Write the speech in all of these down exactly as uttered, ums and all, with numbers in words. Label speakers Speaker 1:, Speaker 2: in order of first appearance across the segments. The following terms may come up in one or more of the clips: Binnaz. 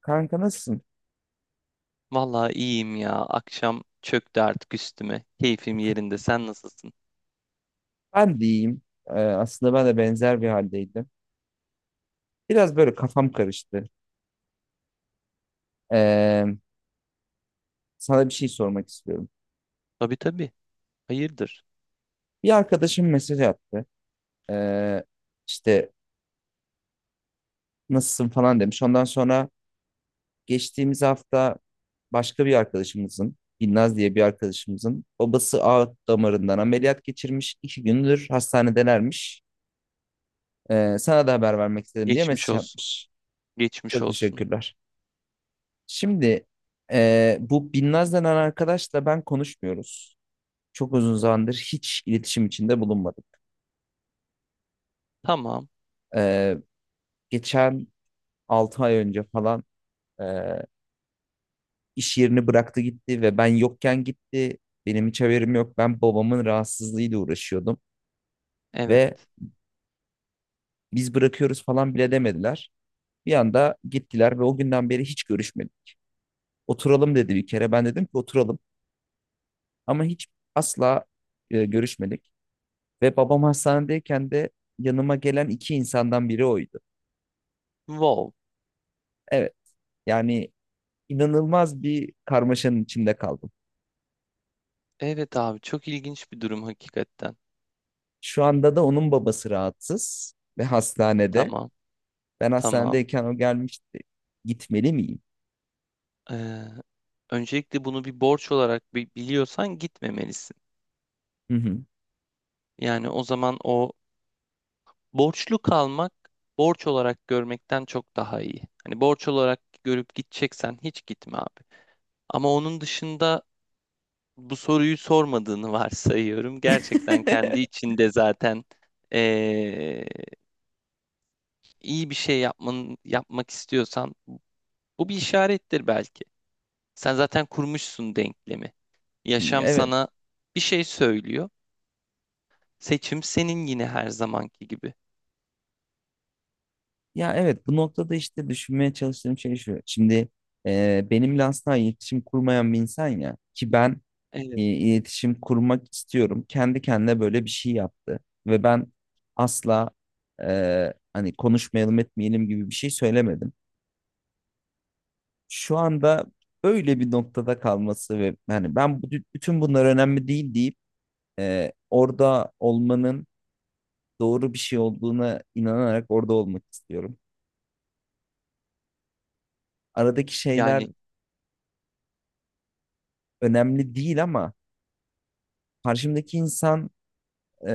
Speaker 1: Kanka nasılsın?
Speaker 2: Vallahi iyiyim ya. Akşam çöktü artık üstüme. Keyfim yerinde. Sen nasılsın?
Speaker 1: Ben de iyiyim. Ee, aslında ben de benzer bir haldeydim. Biraz böyle kafam karıştı. Ee, sana bir şey sormak istiyorum.
Speaker 2: Tabii, tabii. Hayırdır?
Speaker 1: Bir arkadaşım mesaj attı. Ee, işte nasılsın falan demiş. Ondan sonra geçtiğimiz hafta başka bir arkadaşımızın, Binnaz diye bir arkadaşımızın babası aort damarından ameliyat geçirmiş. İki gündür hastanedelermiş. Ee, sana da haber vermek istedim diye
Speaker 2: Geçmiş
Speaker 1: mesaj
Speaker 2: olsun.
Speaker 1: atmış.
Speaker 2: Geçmiş
Speaker 1: Çok
Speaker 2: olsun.
Speaker 1: teşekkürler. Şimdi eee, bu Binnaz denen arkadaşla ben konuşmuyoruz. Çok uzun zamandır hiç iletişim içinde bulunmadık.
Speaker 2: Tamam.
Speaker 1: Eee, geçen altı ay önce falan eee, iş yerini bıraktı gitti ve ben yokken gitti. Benim hiç haberim yok. Ben babamın rahatsızlığıyla uğraşıyordum
Speaker 2: Evet.
Speaker 1: ve biz bırakıyoruz falan bile demediler. Bir anda gittiler ve o günden beri hiç görüşmedik. Oturalım dedi bir kere. Ben dedim ki oturalım ama hiç asla e, görüşmedik. Ve babam hastanedeyken de yanıma gelen iki insandan biri oydu.
Speaker 2: Wow.
Speaker 1: Evet, yani inanılmaz bir karmaşanın içinde kaldım.
Speaker 2: Evet, abi, çok ilginç bir durum hakikaten.
Speaker 1: Şu anda da onun babası rahatsız ve hastanede.
Speaker 2: Tamam.
Speaker 1: Ben
Speaker 2: Tamam.
Speaker 1: hastanedeyken o gelmişti. Gitmeli miyim?
Speaker 2: Ee, Öncelikle bunu bir borç olarak bi- biliyorsan gitmemelisin.
Speaker 1: Hı hı.
Speaker 2: Yani o zaman o borçlu kalmak borç olarak görmekten çok daha iyi. Hani borç olarak görüp gideceksen hiç gitme, abi. Ama onun dışında bu soruyu sormadığını varsayıyorum. Gerçekten kendi içinde zaten eee, iyi bir şey yapman, yapmak istiyorsan bu bir işarettir belki. Sen zaten kurmuşsun denklemi. Yaşam
Speaker 1: Evet.
Speaker 2: sana bir şey söylüyor. Seçim senin, yine her zamanki gibi.
Speaker 1: Ya evet, bu noktada işte düşünmeye çalıştığım şey şu. Şimdi e, benimle asla iletişim kurmayan bir insan ya ki ben e,
Speaker 2: Evet.
Speaker 1: iletişim kurmak istiyorum. Kendi kendine böyle bir şey yaptı. Ve ben asla e, hani konuşmayalım etmeyelim gibi bir şey söylemedim. Şu anda öyle bir noktada kalması ve hani ben bu, bütün bunlar önemli değil deyip e, orada olmanın doğru bir şey olduğuna inanarak orada olmak istiyorum. Aradaki şeyler
Speaker 2: Yani
Speaker 1: önemli değil ama karşımdaki insan e,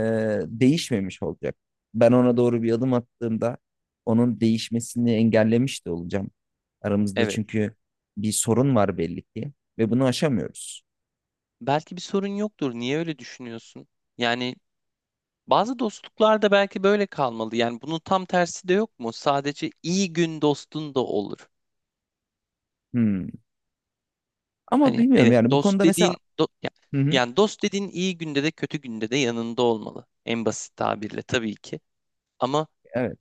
Speaker 1: değişmemiş olacak. Ben ona doğru bir adım attığımda onun değişmesini engellemiş de olacağım. Aramızda
Speaker 2: evet.
Speaker 1: çünkü bir sorun var belli ki ve bunu aşamıyoruz.
Speaker 2: Belki bir sorun yoktur. Niye öyle düşünüyorsun? Yani bazı dostluklar da belki böyle kalmalı. Yani bunun tam tersi de yok mu? Sadece iyi gün dostun da olur.
Speaker 1: Hmm. Ama
Speaker 2: Hani,
Speaker 1: bilmiyorum
Speaker 2: evet,
Speaker 1: yani bu
Speaker 2: dost
Speaker 1: konuda mesela.
Speaker 2: dediğin do- ya-
Speaker 1: Hı hı.
Speaker 2: yani dost dediğin iyi günde de kötü günde de yanında olmalı. En basit tabirle, tabii ki. Ama
Speaker 1: Evet.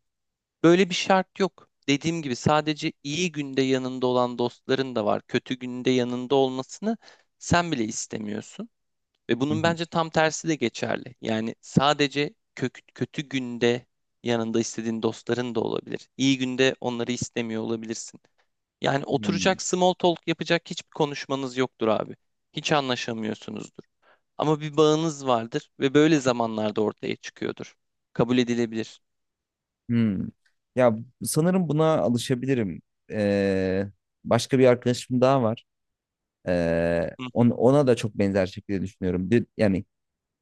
Speaker 2: böyle bir şart yok. Dediğim gibi, sadece iyi günde yanında olan dostların da var. Kötü günde yanında olmasını sen bile istemiyorsun. Ve
Speaker 1: Hı
Speaker 2: bunun
Speaker 1: hı.
Speaker 2: bence tam tersi de geçerli. Yani sadece kök- kötü günde yanında istediğin dostların da olabilir. İyi günde onları istemiyor olabilirsin. Yani
Speaker 1: Hmm.
Speaker 2: oturacak, small talk yapacak hiçbir konuşmanız yoktur, abi. Hiç anlaşamıyorsunuzdur. Ama bir bağınız vardır ve böyle zamanlarda ortaya çıkıyordur. Kabul edilebilir.
Speaker 1: Hmm. Ya sanırım buna alışabilirim. Ee, başka bir arkadaşım daha var. Ee,
Speaker 2: Hı hı.
Speaker 1: on- ona da çok benzer şekilde düşünüyorum. Bir- Yani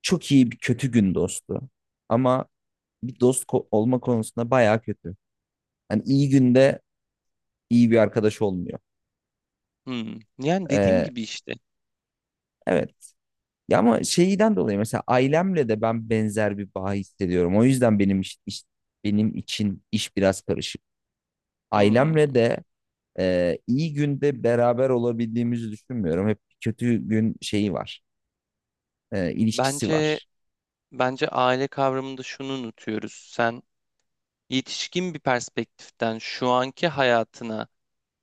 Speaker 1: çok iyi bir kötü gün dostu. Ama bir dost ko- olma konusunda bayağı kötü. Hani iyi günde iyi bir arkadaş olmuyor.
Speaker 2: Hmm. Yani dediğim
Speaker 1: Ee,
Speaker 2: gibi işte.
Speaker 1: evet. Ya ama şeyden dolayı mesela ailemle de ben benzer bir bağ hissediyorum. O yüzden benim iş, iş- benim için iş biraz karışık. Ailemle
Speaker 2: Hmm.
Speaker 1: de e, iyi günde beraber olabildiğimizi düşünmüyorum. Hep kötü gün şeyi var. E, ilişkisi
Speaker 2: Bence
Speaker 1: var.
Speaker 2: bence aile kavramında şunu unutuyoruz. Sen yetişkin bir perspektiften şu anki hayatına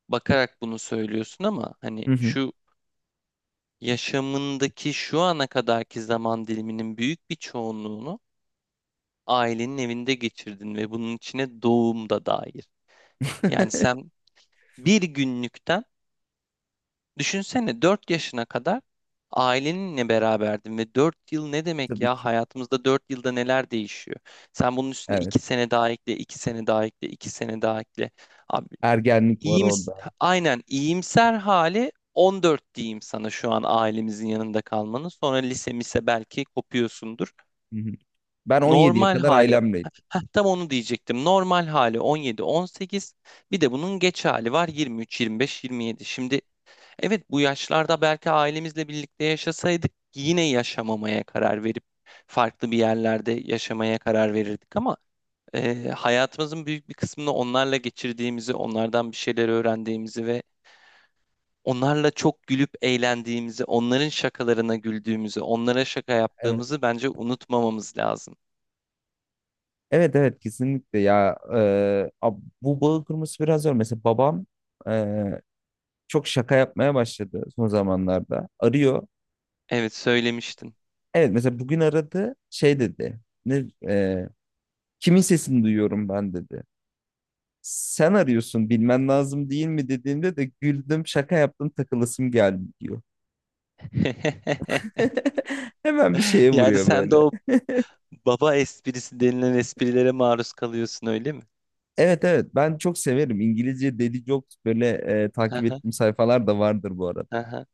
Speaker 2: bakarak bunu söylüyorsun ama hani
Speaker 1: Hı hı.
Speaker 2: şu yaşamındaki şu ana kadarki zaman diliminin büyük bir çoğunluğunu ailenin evinde geçirdin ve bunun içine doğum da dahil. Yani sen bir günlükten düşünsene, dört yaşına kadar aileninle beraberdin ve dört yıl ne demek
Speaker 1: Tabii
Speaker 2: ya,
Speaker 1: ki.
Speaker 2: hayatımızda dört yılda neler değişiyor? Sen bunun üstüne
Speaker 1: Evet.
Speaker 2: iki sene daha ekle, iki sene daha ekle, iki sene daha ekle. Abi,
Speaker 1: Ergenlik var
Speaker 2: iyims
Speaker 1: orada.
Speaker 2: aynen iyimser hali on dört diyeyim sana şu an ailemizin yanında kalmanın. Sonra lise mise belki kopuyorsundur.
Speaker 1: Hı hı. Ben on yediye
Speaker 2: Normal
Speaker 1: kadar
Speaker 2: hali
Speaker 1: ailemleydim.
Speaker 2: Heh, tam onu diyecektim. Normal hali on yedi on sekiz. Bir de bunun geç hali var yirmi üç yirmi beş-yirmi yedi. Şimdi, evet, bu yaşlarda belki ailemizle birlikte yaşasaydık yine yaşamamaya karar verip farklı bir yerlerde yaşamaya karar verirdik ama e, hayatımızın büyük bir kısmını onlarla geçirdiğimizi, onlardan bir şeyler öğrendiğimizi ve onlarla çok gülüp eğlendiğimizi, onların şakalarına güldüğümüzü, onlara şaka
Speaker 1: Evet.
Speaker 2: yaptığımızı bence unutmamamız lazım.
Speaker 1: Evet, evet, kesinlikle ya, Ee, ab- bu bağı kurması biraz zor. Mesela babam ee, çok şaka yapmaya başladı son zamanlarda. Arıyor.
Speaker 2: Evet, söylemiştin.
Speaker 1: Evet, mesela bugün aradı şey dedi. Ne, ee, kimin sesini duyuyorum ben dedi. Sen arıyorsun bilmen lazım değil mi dediğimde de güldüm, şaka yaptım, takılasım geldi diyor. Hemen bir şeye
Speaker 2: Yani
Speaker 1: vuruyor
Speaker 2: sen de
Speaker 1: böyle.
Speaker 2: o baba esprisi denilen esprilere maruz kalıyorsun, öyle mi?
Speaker 1: Evet, evet, ben çok severim. İngilizce Daily Jokes böyle e, takip
Speaker 2: Aha,
Speaker 1: ettiğim sayfalar da vardır bu arada.
Speaker 2: aha.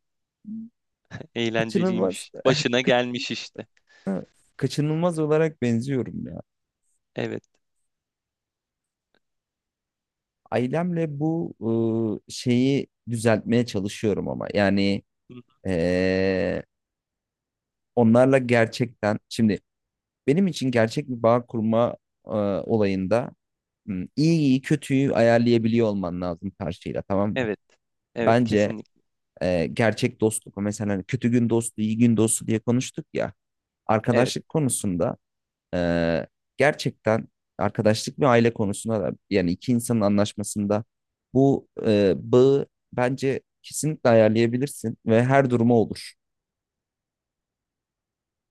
Speaker 1: Kaçınılmaz
Speaker 2: Eğlenceliymiş. Başına
Speaker 1: kaç-
Speaker 2: gelmiş işte.
Speaker 1: kaçınılmaz olarak benziyorum ya.
Speaker 2: Evet.
Speaker 1: Ailemle bu e, şeyi düzeltmeye çalışıyorum ama yani
Speaker 2: Hı,
Speaker 1: e, onlarla gerçekten şimdi benim için gerçek bir bağ kurma e, olayında hmm, iyi iyi kötüyü ayarlayabiliyor olman lazım karşıyla, tamam mı?
Speaker 2: evet. Evet,
Speaker 1: Bence
Speaker 2: kesinlikle.
Speaker 1: e, gerçek dostluk mesela hani kötü gün dostu, iyi gün dostu diye konuştuk ya.
Speaker 2: Evet.
Speaker 1: Arkadaşlık konusunda e, gerçekten arkadaşlık ve aile konusunda da yani iki insanın anlaşmasında bu e, bağı bence kesinlikle ayarlayabilirsin ve her duruma olur.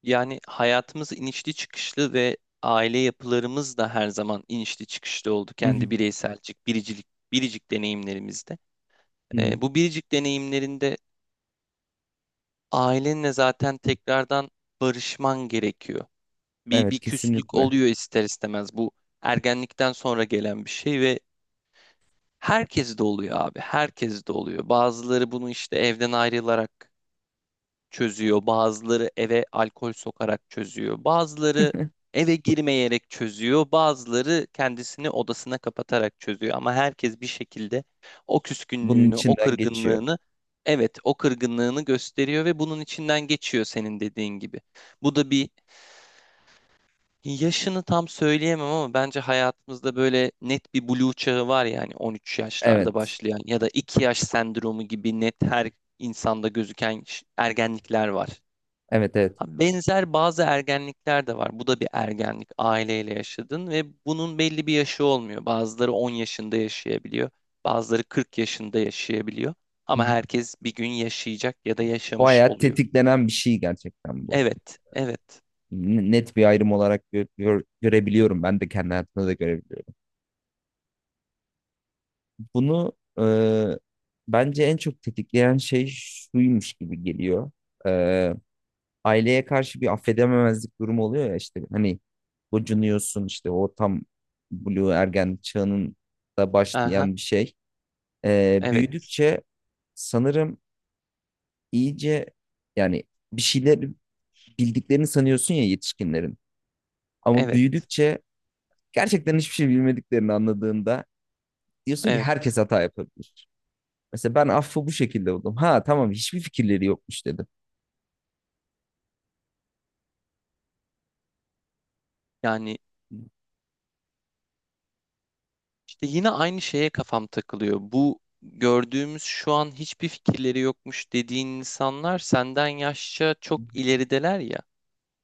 Speaker 2: Yani hayatımız inişli çıkışlı ve aile yapılarımız da her zaman inişli çıkışlı oldu
Speaker 1: Hı hı,
Speaker 2: kendi bireyselcik, biricilik, biricik deneyimlerimizde.
Speaker 1: hı hı.
Speaker 2: Ee, bu biricik deneyimlerinde ailenle zaten tekrardan barışman gerekiyor. bir, bir
Speaker 1: Evet,
Speaker 2: küslük
Speaker 1: kesinlikle.
Speaker 2: oluyor ister istemez. Bu ergenlikten sonra gelen bir şey ve herkes de oluyor, abi. Herkes de oluyor. Bazıları bunu işte evden ayrılarak çözüyor. Bazıları eve alkol sokarak çözüyor. Bazıları eve girmeyerek çözüyor. Bazıları kendisini odasına kapatarak çözüyor. Ama herkes bir şekilde o
Speaker 1: Bunun
Speaker 2: küskünlüğünü, o
Speaker 1: içinden geçiyor.
Speaker 2: kırgınlığını. Evet, o kırgınlığını gösteriyor ve bunun içinden geçiyor, senin dediğin gibi. Bu da bir Yaşını tam söyleyemem ama bence hayatımızda böyle net bir blue çağı var, yani on üç yaşlarda
Speaker 1: Evet.
Speaker 2: başlayan ya da iki yaş sendromu gibi net her insanda gözüken ş- ergenlikler var.
Speaker 1: Evet, evet.
Speaker 2: Ha, benzer bazı ergenlikler de var. Bu da bir ergenlik. Aileyle yaşadın ve bunun belli bir yaşı olmuyor. Bazıları on yaşında yaşayabiliyor. Bazıları kırk yaşında yaşayabiliyor.
Speaker 1: Hı
Speaker 2: Ama
Speaker 1: hı.
Speaker 2: herkes bir gün yaşayacak ya da
Speaker 1: Bu
Speaker 2: yaşamış
Speaker 1: hayat
Speaker 2: oluyor.
Speaker 1: tetiklenen bir şey gerçekten bu.
Speaker 2: Evet, evet.
Speaker 1: N- Net bir ayrım olarak gö- gör- görebiliyorum. Ben de kendi hayatımda da görebiliyorum. Bunu e, bence en çok tetikleyen şey şuymuş gibi geliyor. E, aileye karşı bir affedememezlik durumu oluyor ya işte hani gocunuyorsun işte o tam blue ergen çağının da
Speaker 2: Aha,
Speaker 1: başlayan bir şey. E,
Speaker 2: evet,
Speaker 1: büyüdükçe sanırım iyice yani bir şeyler bildiklerini sanıyorsun ya yetişkinlerin. Ama
Speaker 2: evet,
Speaker 1: büyüdükçe gerçekten hiçbir şey bilmediklerini anladığında diyorsun ki
Speaker 2: evet.
Speaker 1: herkes hata yapabilir. Mesela ben affı bu şekilde buldum. Ha tamam, hiçbir fikirleri yokmuş dedim.
Speaker 2: Yani işte yine aynı şeye kafam takılıyor. Bu gördüğümüz şu an hiçbir fikirleri yokmuş dediğin insanlar senden yaşça çok ilerideler ya.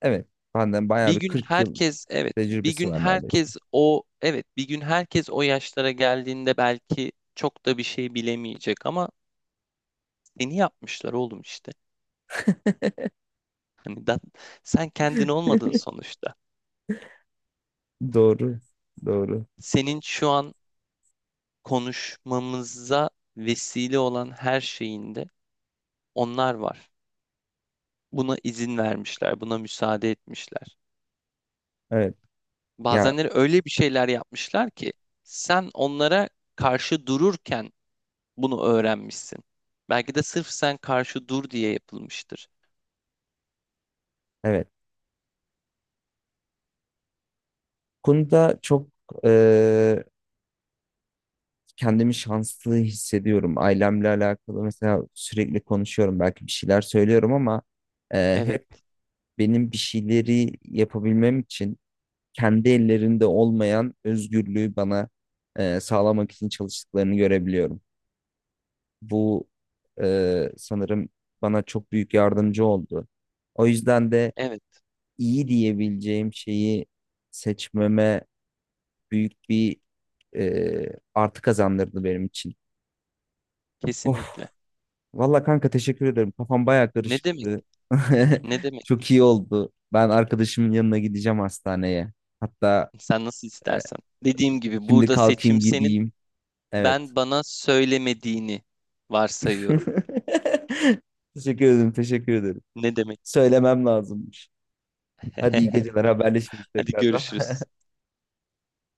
Speaker 1: Evet. Benden bayağı
Speaker 2: Bir
Speaker 1: bir
Speaker 2: gün
Speaker 1: kırk yıl
Speaker 2: herkes Evet, bir
Speaker 1: tecrübesi
Speaker 2: gün
Speaker 1: var neredeyse.
Speaker 2: herkes o evet, bir gün herkes o yaşlara geldiğinde belki çok da bir şey bilemeyecek ama taklidini yapmışlar, oğlum, işte. Hani da, sen kendin olmadın sonuçta.
Speaker 1: Doğru. Doğru.
Speaker 2: Senin şu an konuşmamıza vesile olan her şeyinde onlar var. Buna izin vermişler, buna müsaade etmişler.
Speaker 1: Evet. Ya
Speaker 2: Bazenleri öyle bir şeyler yapmışlar ki sen onlara karşı dururken bunu öğrenmişsin. Belki de sırf sen karşı dur diye yapılmıştır.
Speaker 1: evet. Konuda çok kendimi şanslı hissediyorum. Ailemle alakalı mesela sürekli konuşuyorum. Belki bir şeyler söylüyorum ama e,
Speaker 2: Evet,
Speaker 1: hep benim bir şeyleri yapabilmem için kendi ellerinde olmayan özgürlüğü bana e, sağlamak için çalıştıklarını görebiliyorum. Bu e, sanırım bana çok büyük yardımcı oldu. O yüzden de
Speaker 2: evet,
Speaker 1: iyi diyebileceğim şeyi seçmeme büyük bir e, artı kazandırdı benim için. Of,
Speaker 2: kesinlikle.
Speaker 1: valla kanka teşekkür ederim. Kafam baya
Speaker 2: Ne demek?
Speaker 1: karışıktı.
Speaker 2: Ne demek?
Speaker 1: Çok iyi oldu. Ben arkadaşımın yanına gideceğim hastaneye. Hatta
Speaker 2: Sen nasıl
Speaker 1: e,
Speaker 2: istersen. Dediğim gibi,
Speaker 1: şimdi
Speaker 2: burada seçim
Speaker 1: kalkayım
Speaker 2: senin.
Speaker 1: gideyim. Evet.
Speaker 2: Ben bana söylemediğini varsayıyorum.
Speaker 1: Teşekkür ederim, teşekkür ederim.
Speaker 2: Ne demek?
Speaker 1: Söylemem lazımmış. Hadi iyi geceler, haberleşiriz
Speaker 2: Hadi
Speaker 1: tekrardan.
Speaker 2: görüşürüz.